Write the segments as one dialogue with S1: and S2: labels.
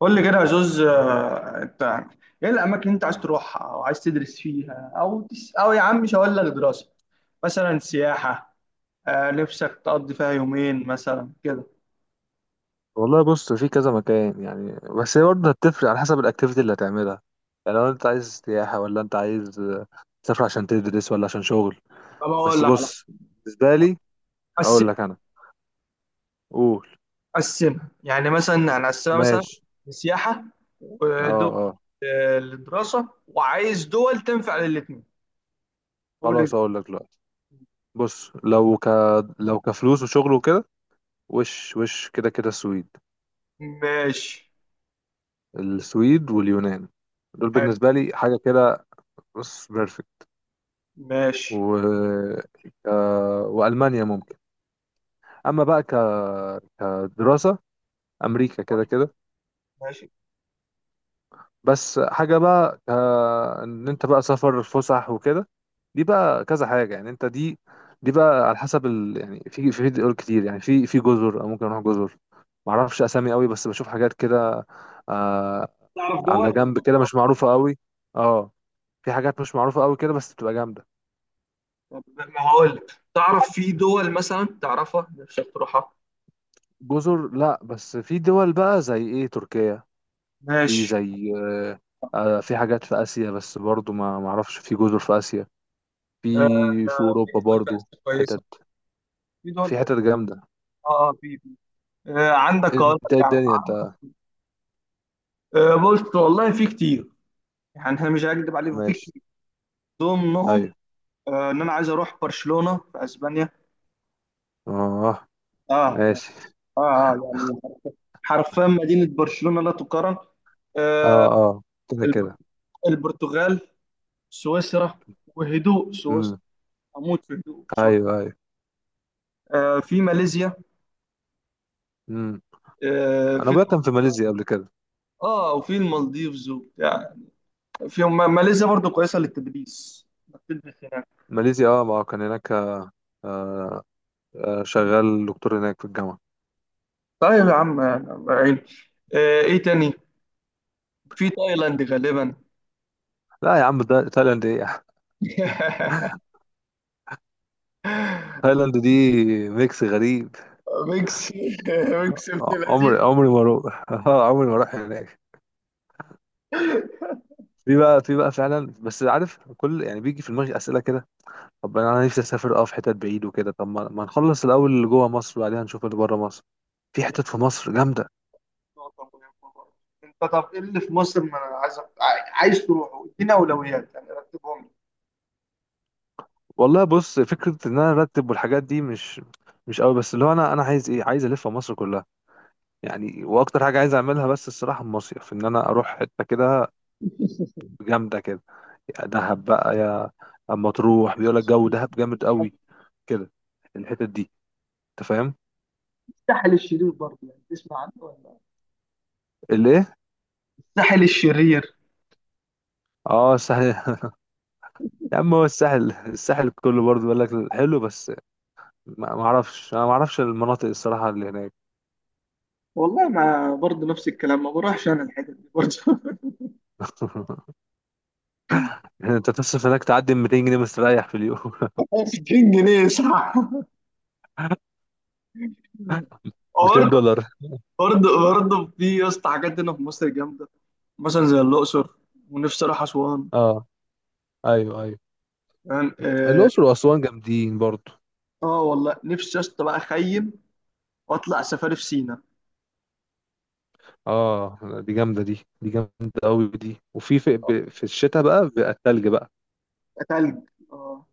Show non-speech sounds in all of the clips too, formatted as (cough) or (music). S1: قول لي كده يا زوز، انت ايه الاماكن اللي انت عايز تروحها او عايز تدرس فيها او يا عم مش هقول لك دراسه، مثلا سياحه. نفسك تقضي فيها يومين مثلا كده.
S2: والله بص، في كذا مكان يعني. بس هي برضه هتفرق على حسب الاكتيفيتي اللي هتعملها. يعني لو انت عايز سياحة ولا انت عايز تسافر عشان تدرس ولا عشان شغل.
S1: طب اقول
S2: بس
S1: لك على-
S2: بص، بالنسبة لي هقول
S1: قسم
S2: لك انا. قول.
S1: قسمها يعني، مثلا هنقسمها مثلا
S2: ماشي.
S1: سياحه،
S2: اه،
S1: ودول
S2: اه.
S1: للدراسه، وعايز دول تنفع للاثنين. قول انت.
S2: خلاص، هقول لك دلوقتي. بص، لو كفلوس وشغل وكده. وش وش كده كده السويد.
S1: ماشي،
S2: السويد واليونان، دول
S1: حلو،
S2: بالنسبة لي حاجة كده. بص، بيرفكت.
S1: ماشي
S2: و... وألمانيا ممكن. أما بقى كدراسة، امريكا كده كده.
S1: ماشي.
S2: بس حاجه بقى ان انت بقى سفر فسح وكده، دي بقى كذا حاجه. يعني انت دي بقى على حسب يعني في في فيديو كتير. يعني في جزر، أو ممكن اروح جزر. ما اعرفش اسامي قوي بس بشوف حاجات كده. آه.
S1: تعرف دول
S2: على
S1: ولا
S2: جنب كده،
S1: لأ؟
S2: مش معروفه قوي. اه، في حاجات مش معروفه قوي كده، بس بتبقى جامده.
S1: طب ما هقول لك، تعرف في دول مثلا تعرفها نفسك تروحها؟
S2: جزر لا، بس في دول بقى زي ايه، تركيا. في
S1: ماشي.
S2: زي في حاجات في اسيا، بس برضو ما اعرفش في جزر في اسيا. في
S1: آه، في
S2: اوروبا
S1: دول في
S2: برضو
S1: آسيا كويسة،
S2: حتت.
S1: في دول
S2: في
S1: في
S2: حتت
S1: آسيا.
S2: جامده.
S1: اه آه، في في آه، عندك أقول لك
S2: انت إيه
S1: يعني
S2: الدنيا انت؟
S1: عندك. بص والله في كتير، يعني أنا مش هكدب عليك، في
S2: ماشي.
S1: كتير ضمنهم
S2: ايوه.
S1: إن أنا عايز أروح برشلونة في أسبانيا.
S2: اه.
S1: اه يعني
S2: ماشي.
S1: اه يعني حرفيا مدينة برشلونة لا تقارن.
S2: اه،
S1: آه،
S2: اه، كده
S1: الب-
S2: كده.
S1: البرتغال، سويسرا، وهدوء سويسرا.
S2: امم.
S1: أموت في هدوء سويسرا.
S2: ايوه، ايوه.
S1: في ماليزيا،
S2: امم.
S1: آه،
S2: انا
S1: في
S2: بقى كان في ماليزيا قبل كده.
S1: اه وفي المالديفز وبتاع. في ما- ماليزيا برضو كويسه للتدريس، إنك تدرس هناك.
S2: ماليزيا، اه، ما كان هناك. آه، شغال دكتور هناك في الجامعه.
S1: طيب يا عم، يعني عيني، ايه تاني؟ في تايلاند غالبا.
S2: لا يا عم، ده تايلاند ايه؟
S1: (laughs)
S2: (laughs) تايلاند دي ميكس غريب.
S1: ميكس ميكس ابن لذيذ.
S2: عمري ما اروح (laughs) عمري ما اروح هناك. في بقى فعلا. بس عارف، كل يعني بيجي في دماغي اسئله كده. طب انا نفسي اسافر، اه، في حتت بعيد وكده. طب ما نخلص الاول اللي جوه مصر، وبعدين نشوف اللي بره مصر. في حتت في مصر جامده.
S1: نقطة مهمة برضه. انت طب ايه اللي في مصر ما انا عايز تروحه؟ ادينا اولويات، يعني رتبهم لي.
S2: والله بص، فكره ان انا ارتب والحاجات دي مش قوي. بس اللي هو انا عايز ايه، عايز الف مصر كلها. يعني واكتر حاجه عايز اعملها بس الصراحه المصيف، ان انا اروح حته كده جامده كده. يا دهب بقى يا. اما تروح بيقول لك جو دهب جامد قوي كده. الحتت دي، انت فاهم.
S1: الساحل الشرير برضه، يعني تسمع عنه ولا؟
S2: اللي ايه؟
S1: الساحل الشرير.
S2: اه، الساحل (laughs) يا عم، هو الساحل كله برضه بيقول لك حلو. بس ما اعرفش، انا ما اعرفش المناطق الصراحه اللي هناك.
S1: والله ما، برضه نفس الكلام، ما بروحش انا الحتت دي برضه. (laughs)
S2: (laughs) يعني انت تصرف هناك تعدي 200 جنيه مستريح في اليوم. (laughs)
S1: 2000 جنيه، صح؟
S2: 200
S1: برضه
S2: دولار
S1: برضه برضه في يا اسطى حاجات هنا في مصر جامده. مثلا زي الاقصر، ونفسي اروح اسوان،
S2: اه، ايوه، ايوه.
S1: يعني.
S2: الاقصر واسوان جامدين برضو.
S1: والله نفسي يا اسطى بقى اخيم واطلع سفاري في سينا.
S2: اه، دي جامده دي جامده قوي دي. وفي في, ب- في الشتاء بقى بيبقى التلج بقى.
S1: تلج، اه.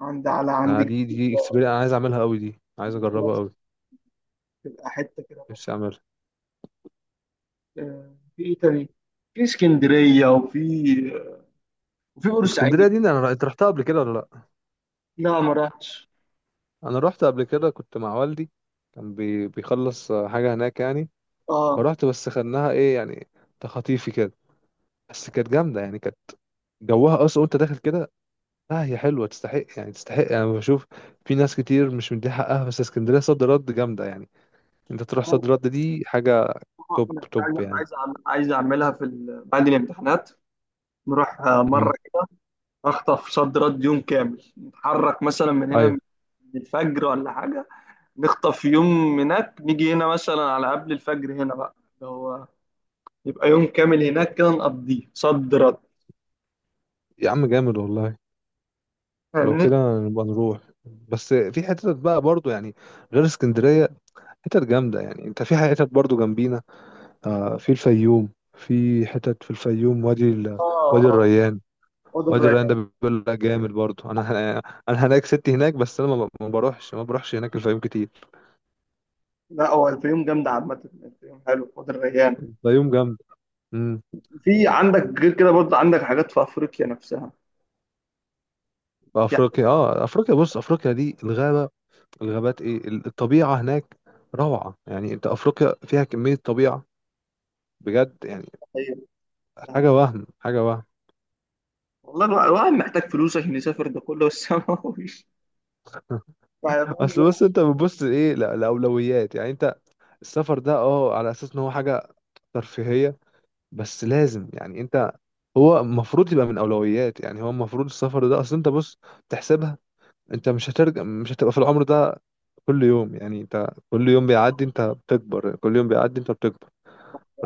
S1: عند
S2: انا دي
S1: جبل
S2: اكسبيرينس انا عايز اعملها قوي دي، عايز اجربها
S1: طلعت،
S2: قوي.
S1: تبقى حته كده طرش.
S2: نفسي اعملها.
S1: في ايه تاني؟ في اسكندريه، وفي
S2: اسكندريه
S1: بورسعيد.
S2: دي انت رحتها قبل كده ولا لا؟
S1: لا ما رحتش.
S2: انا رحت قبل كده، كنت مع والدي. كان بيخلص حاجه هناك يعني.
S1: اه،
S2: فرحت، بس خدناها ايه يعني، تخطيفي كده. بس كانت جامده يعني، كانت جوها اصلا وانت داخل كده. لا، هي حلوه، تستحق يعني تستحق. انا يعني بشوف في ناس كتير مش مديها حقها، بس اسكندريه صد رد جامده يعني. انت تروح صد رد دي حاجه توب
S1: انا
S2: توب
S1: أنا
S2: يعني.
S1: عايز اعملها في بعد الامتحانات. نروح
S2: امم.
S1: مره، اخطف صد رد يوم كامل. نتحرك مثلا
S2: ايوه.
S1: من الفجر ولا حاجه، نخطف يوم هناك، نيجي هنا مثلا على قبل الفجر، هنا بقى اللي هو يبقى يوم كامل هناك، كده نقضيه صد رد.
S2: يا عم جامد والله. لو
S1: فاهمني؟
S2: كده نبقى نروح. بس في حتت بقى برضو يعني غير اسكندريه، حتت جامده. يعني انت في حتت برضو جنبينا، آه، في الفيوم. في حتت في الفيوم، وادي
S1: اه،
S2: الريان.
S1: اوضه
S2: وادي الريان
S1: الريان.
S2: ده بيقول لك جامد برضه. ه- انا هناك ستي هناك، بس انا ما بروحش، ما بروحش هناك الفيوم كتير.
S1: لا، هو الفيوم جامده عامه، الفيوم حلو، اوضه الريان.
S2: الفيوم جامد. امم.
S1: في عندك غير كده برضه، عندك حاجات في افريقيا نفسها، في حاجات
S2: افريقيا، اه، افريقيا بص، افريقيا دي الغابه، الغابات، ايه الطبيعه هناك روعه. يعني انت افريقيا فيها كميه طبيعه بجد يعني.
S1: حقيقية،
S2: حاجه
S1: يعني.
S2: وهم، حاجه وهم.
S1: والله، الواحد محتاج فلوس عشان يسافر ده كله، بس (laughs) ما هوش،
S2: (laughs)
S1: يعني،
S2: اصل بص،
S1: فاهم؟
S2: انت بتبص ايه لاولويات. يعني انت السفر ده، اه، على اساس ان هو حاجه ترفيهيه. بس لازم يعني انت، هو المفروض يبقى من اولويات. يعني هو المفروض السفر ده، اصل انت بص تحسبها. انت مش هترجع، مش هتبقى في العمر ده كل يوم. يعني انت كل يوم بيعدي انت بتكبر، كل يوم بيعدي انت بتكبر.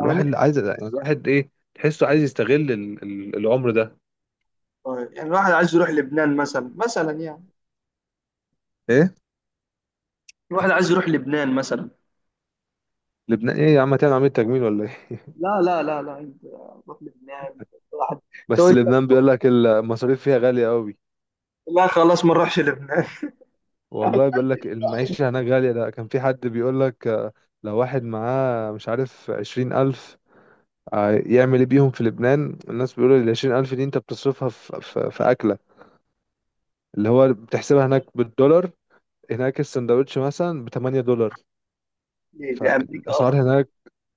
S1: يعني
S2: اللي عايز يعني، الواحد ايه، تحسه عايز يستغل العمر ده.
S1: يعني الواحد عايز يروح لبنان مثلا، يعني
S2: ايه.
S1: الواحد عايز يروح لبنان مثلا.
S2: لبنان ايه يا عم، هتعمل عملية تجميل ولا ايه؟
S1: لا لا لا لا، انت، روح لبنان واحد.
S2: (laughs) بس
S1: تقول لي
S2: لبنان بيقول لك المصاريف فيها غالية قوي.
S1: لا؟ خلاص ما نروحش لبنان.
S2: والله
S1: (laughs)
S2: بيقول لك المعيشة هناك غالية. ده كان في حد بيقول لك، لو واحد معاه مش عارف 20 ألف، اه، يعمل ايه بيهم في لبنان. الناس بيقولوا ال20 ألف دي انت بتصرفها في أكلة، اللي هو بتحسبها هناك بالدولار. هناك السندوتش مثلا ب 8 دولار.
S1: ليه؟ لامريكا
S2: فالاسعار
S1: اصلا؟
S2: هناك،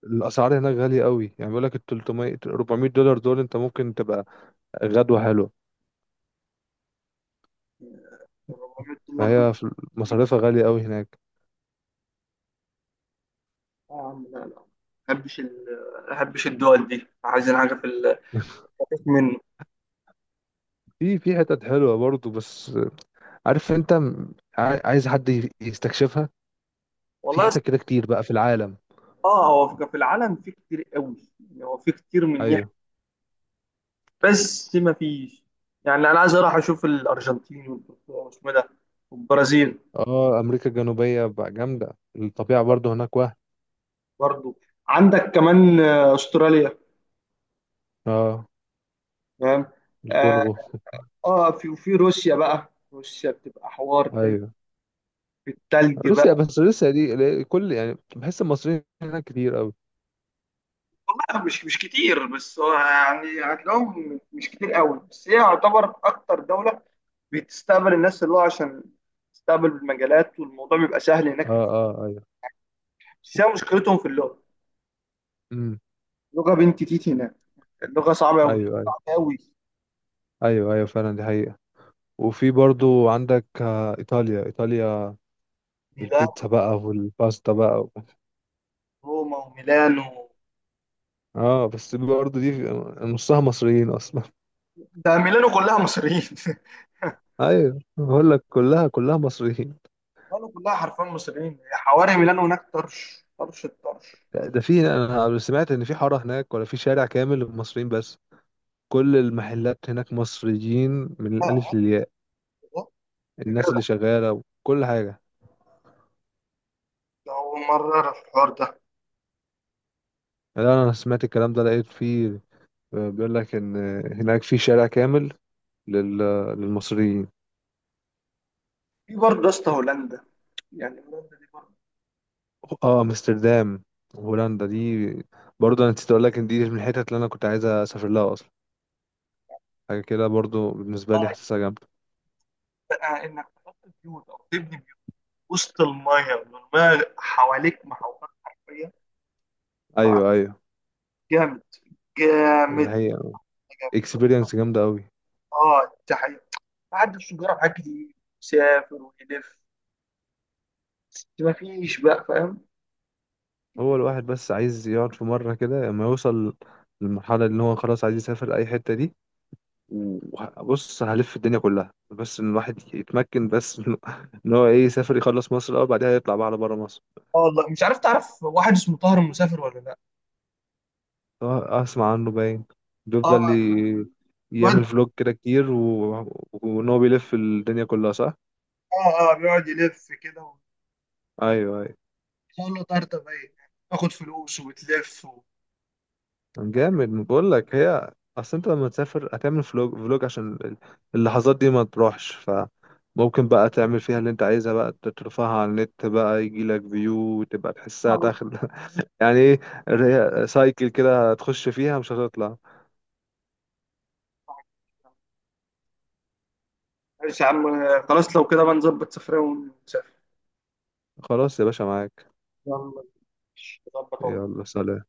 S2: الاسعار هناك غاليه قوي. يعني بيقول لك ال 300 400 دولار دول، انت ممكن تبقى غدوه حلوه.
S1: $400 دول.
S2: فهي في- مصاريفها غاليه قوي هناك.
S1: آه يا عم، لا لا، بحبش ال- ما بحبش الدول دي. عايزين حاجه في
S2: (laughs)
S1: خفيف منه.
S2: في حتت حلوه برضو. بس عارف انت عايز حد يستكشفها.
S1: والله
S2: في
S1: يا
S2: حتت كده
S1: اسطى،
S2: كتير بقى في العالم.
S1: اه هو في العالم في كتير قوي، يعني هو في كتير من
S2: ايوه.
S1: ناحيه، بس ما فيش يعني، انا عايز اروح اشوف الارجنتين والبرتغال واسمه ده، والبرازيل.
S2: اه، امريكا الجنوبيه بقى جامده، الطبيعه برضو هناك وهم.
S1: برضو عندك كمان استراليا،
S2: اه.
S1: تمام. آه،
S2: الكونغو.
S1: اه في وفي روسيا بقى، روسيا بتبقى حوار تاني،
S2: ايوه.
S1: في التلج
S2: روسيا،
S1: بقى.
S2: بس روسيا دي كل يعني بحس المصريين هناك كتير قوي.
S1: والله مش كتير، بس هو يعني هتلاقيهم مش كتير قوي، بس هي يعتبر اكتر دولة بتستقبل الناس اللي هو عشان تستقبل بالمجالات، والموضوع بيبقى سهل هناك في
S2: اه.
S1: الفهم.
S2: اه، ايوه.
S1: بس هي مشكلتهم في اللغة.
S2: امم.
S1: اللغة بنت تيتي هناك. اللغة صعبة قوي،
S2: ايوه، ايوه.
S1: صعبة قوي.
S2: ايوه، ايوه، فعلا دي حقيقة. وفي برضو عندك، آه، ايطاليا ايطاليا،
S1: ميلانو،
S2: البيتزا بقى والباستا بقى
S1: روما وميلانو.
S2: اه. بس برضو دي نصها مصريين اصلا.
S1: ده ميلانو كلها مصريين. (laughs)
S2: (laughs) ايوه، بقول لك كلها كلها مصريين.
S1: ميلانو كلها حرفيا مصريين، حواري ميلانو هناك طرش طرش الطرش.
S2: ده في، انا سمعت ان في حارة هناك ولا في شارع كامل للمصريين، بس كل المحلات هناك مصريين من
S1: اه،
S2: الالف
S1: آه،
S2: للياء.
S1: آه.
S2: الناس اللي شغالة وكل حاجة.
S1: ده أول مرة أعرف الحوار ده.
S2: لا انا سمعت الكلام ده لقيت فيه، بيقول لك ان هناك في شارع كامل لل... آه، للمصريين.
S1: في برضه يا اسطى هولندا، يعني هولندا دي برضه.
S2: اه، امستردام. هولندا دي برضه، انا نسيت اقول لك ان دي من الحتت اللي انا كنت عايز اسافر لها اصلا. حاجه كده برضه بالنسبه لي
S1: آه
S2: حاسسها جامده.
S1: بقى إنك تحط بيوت أو تبني بيوت وسط الماية، والماية حواليك محوطات حرفيا. آه،
S2: ايوه، ايوه.
S1: جامد،
S2: ان
S1: جامد،
S2: هي
S1: جامد.
S2: اكسبيرينس جامده قوي.
S1: اه ده حقيقي. بعد الشجره حاجات كتير، يسافر ويلف، ما فيش بقى فاهم.
S2: هو الواحد بس عايز يقعد في مره كده، لما يوصل للمرحله اللي هو خلاص عايز يسافر اي حته دي. وبص، هلف الدنيا كلها. بس ان الواحد يتمكن بس (laughs) ان هو ايه، يسافر يخلص مصر الاول، بعدها يطلع بقى على بره مصر.
S1: اه، والله مش عارف، تعرف واحد اسمه طاهر المسافر ولا لا؟
S2: اسمع عنه باين.
S1: اه،
S2: بيفضل
S1: الواد.
S2: يعمل فلوج كده كتير وان هو بيلف الدنيا كلها صح.
S1: اه بيقعد يلف كده،
S2: ايوه، ايوه.
S1: ويقول له طرطب باين، تاخد فلوس وبتلف
S2: جامد بقول لك. هي اصل انت لما تسافر هتعمل فلوج فلوج عشان اللحظات دي ما تروحش. فممكن بقى تعمل فيها اللي انت عايزها، بقى ترفعها على النت، بقى يجي لك فيو تبقى تحسها داخل (laughs) يعني ايه، سايكل كده هتخش فيها مش هتطلع.
S1: آه. ماشي يا عم، خلاص لو كده بقى نظبط سفرية ونسافر.
S2: خلاص يا باشا معاك.
S1: يلا. ماشي. نظبط أهو.
S2: يلا سلام.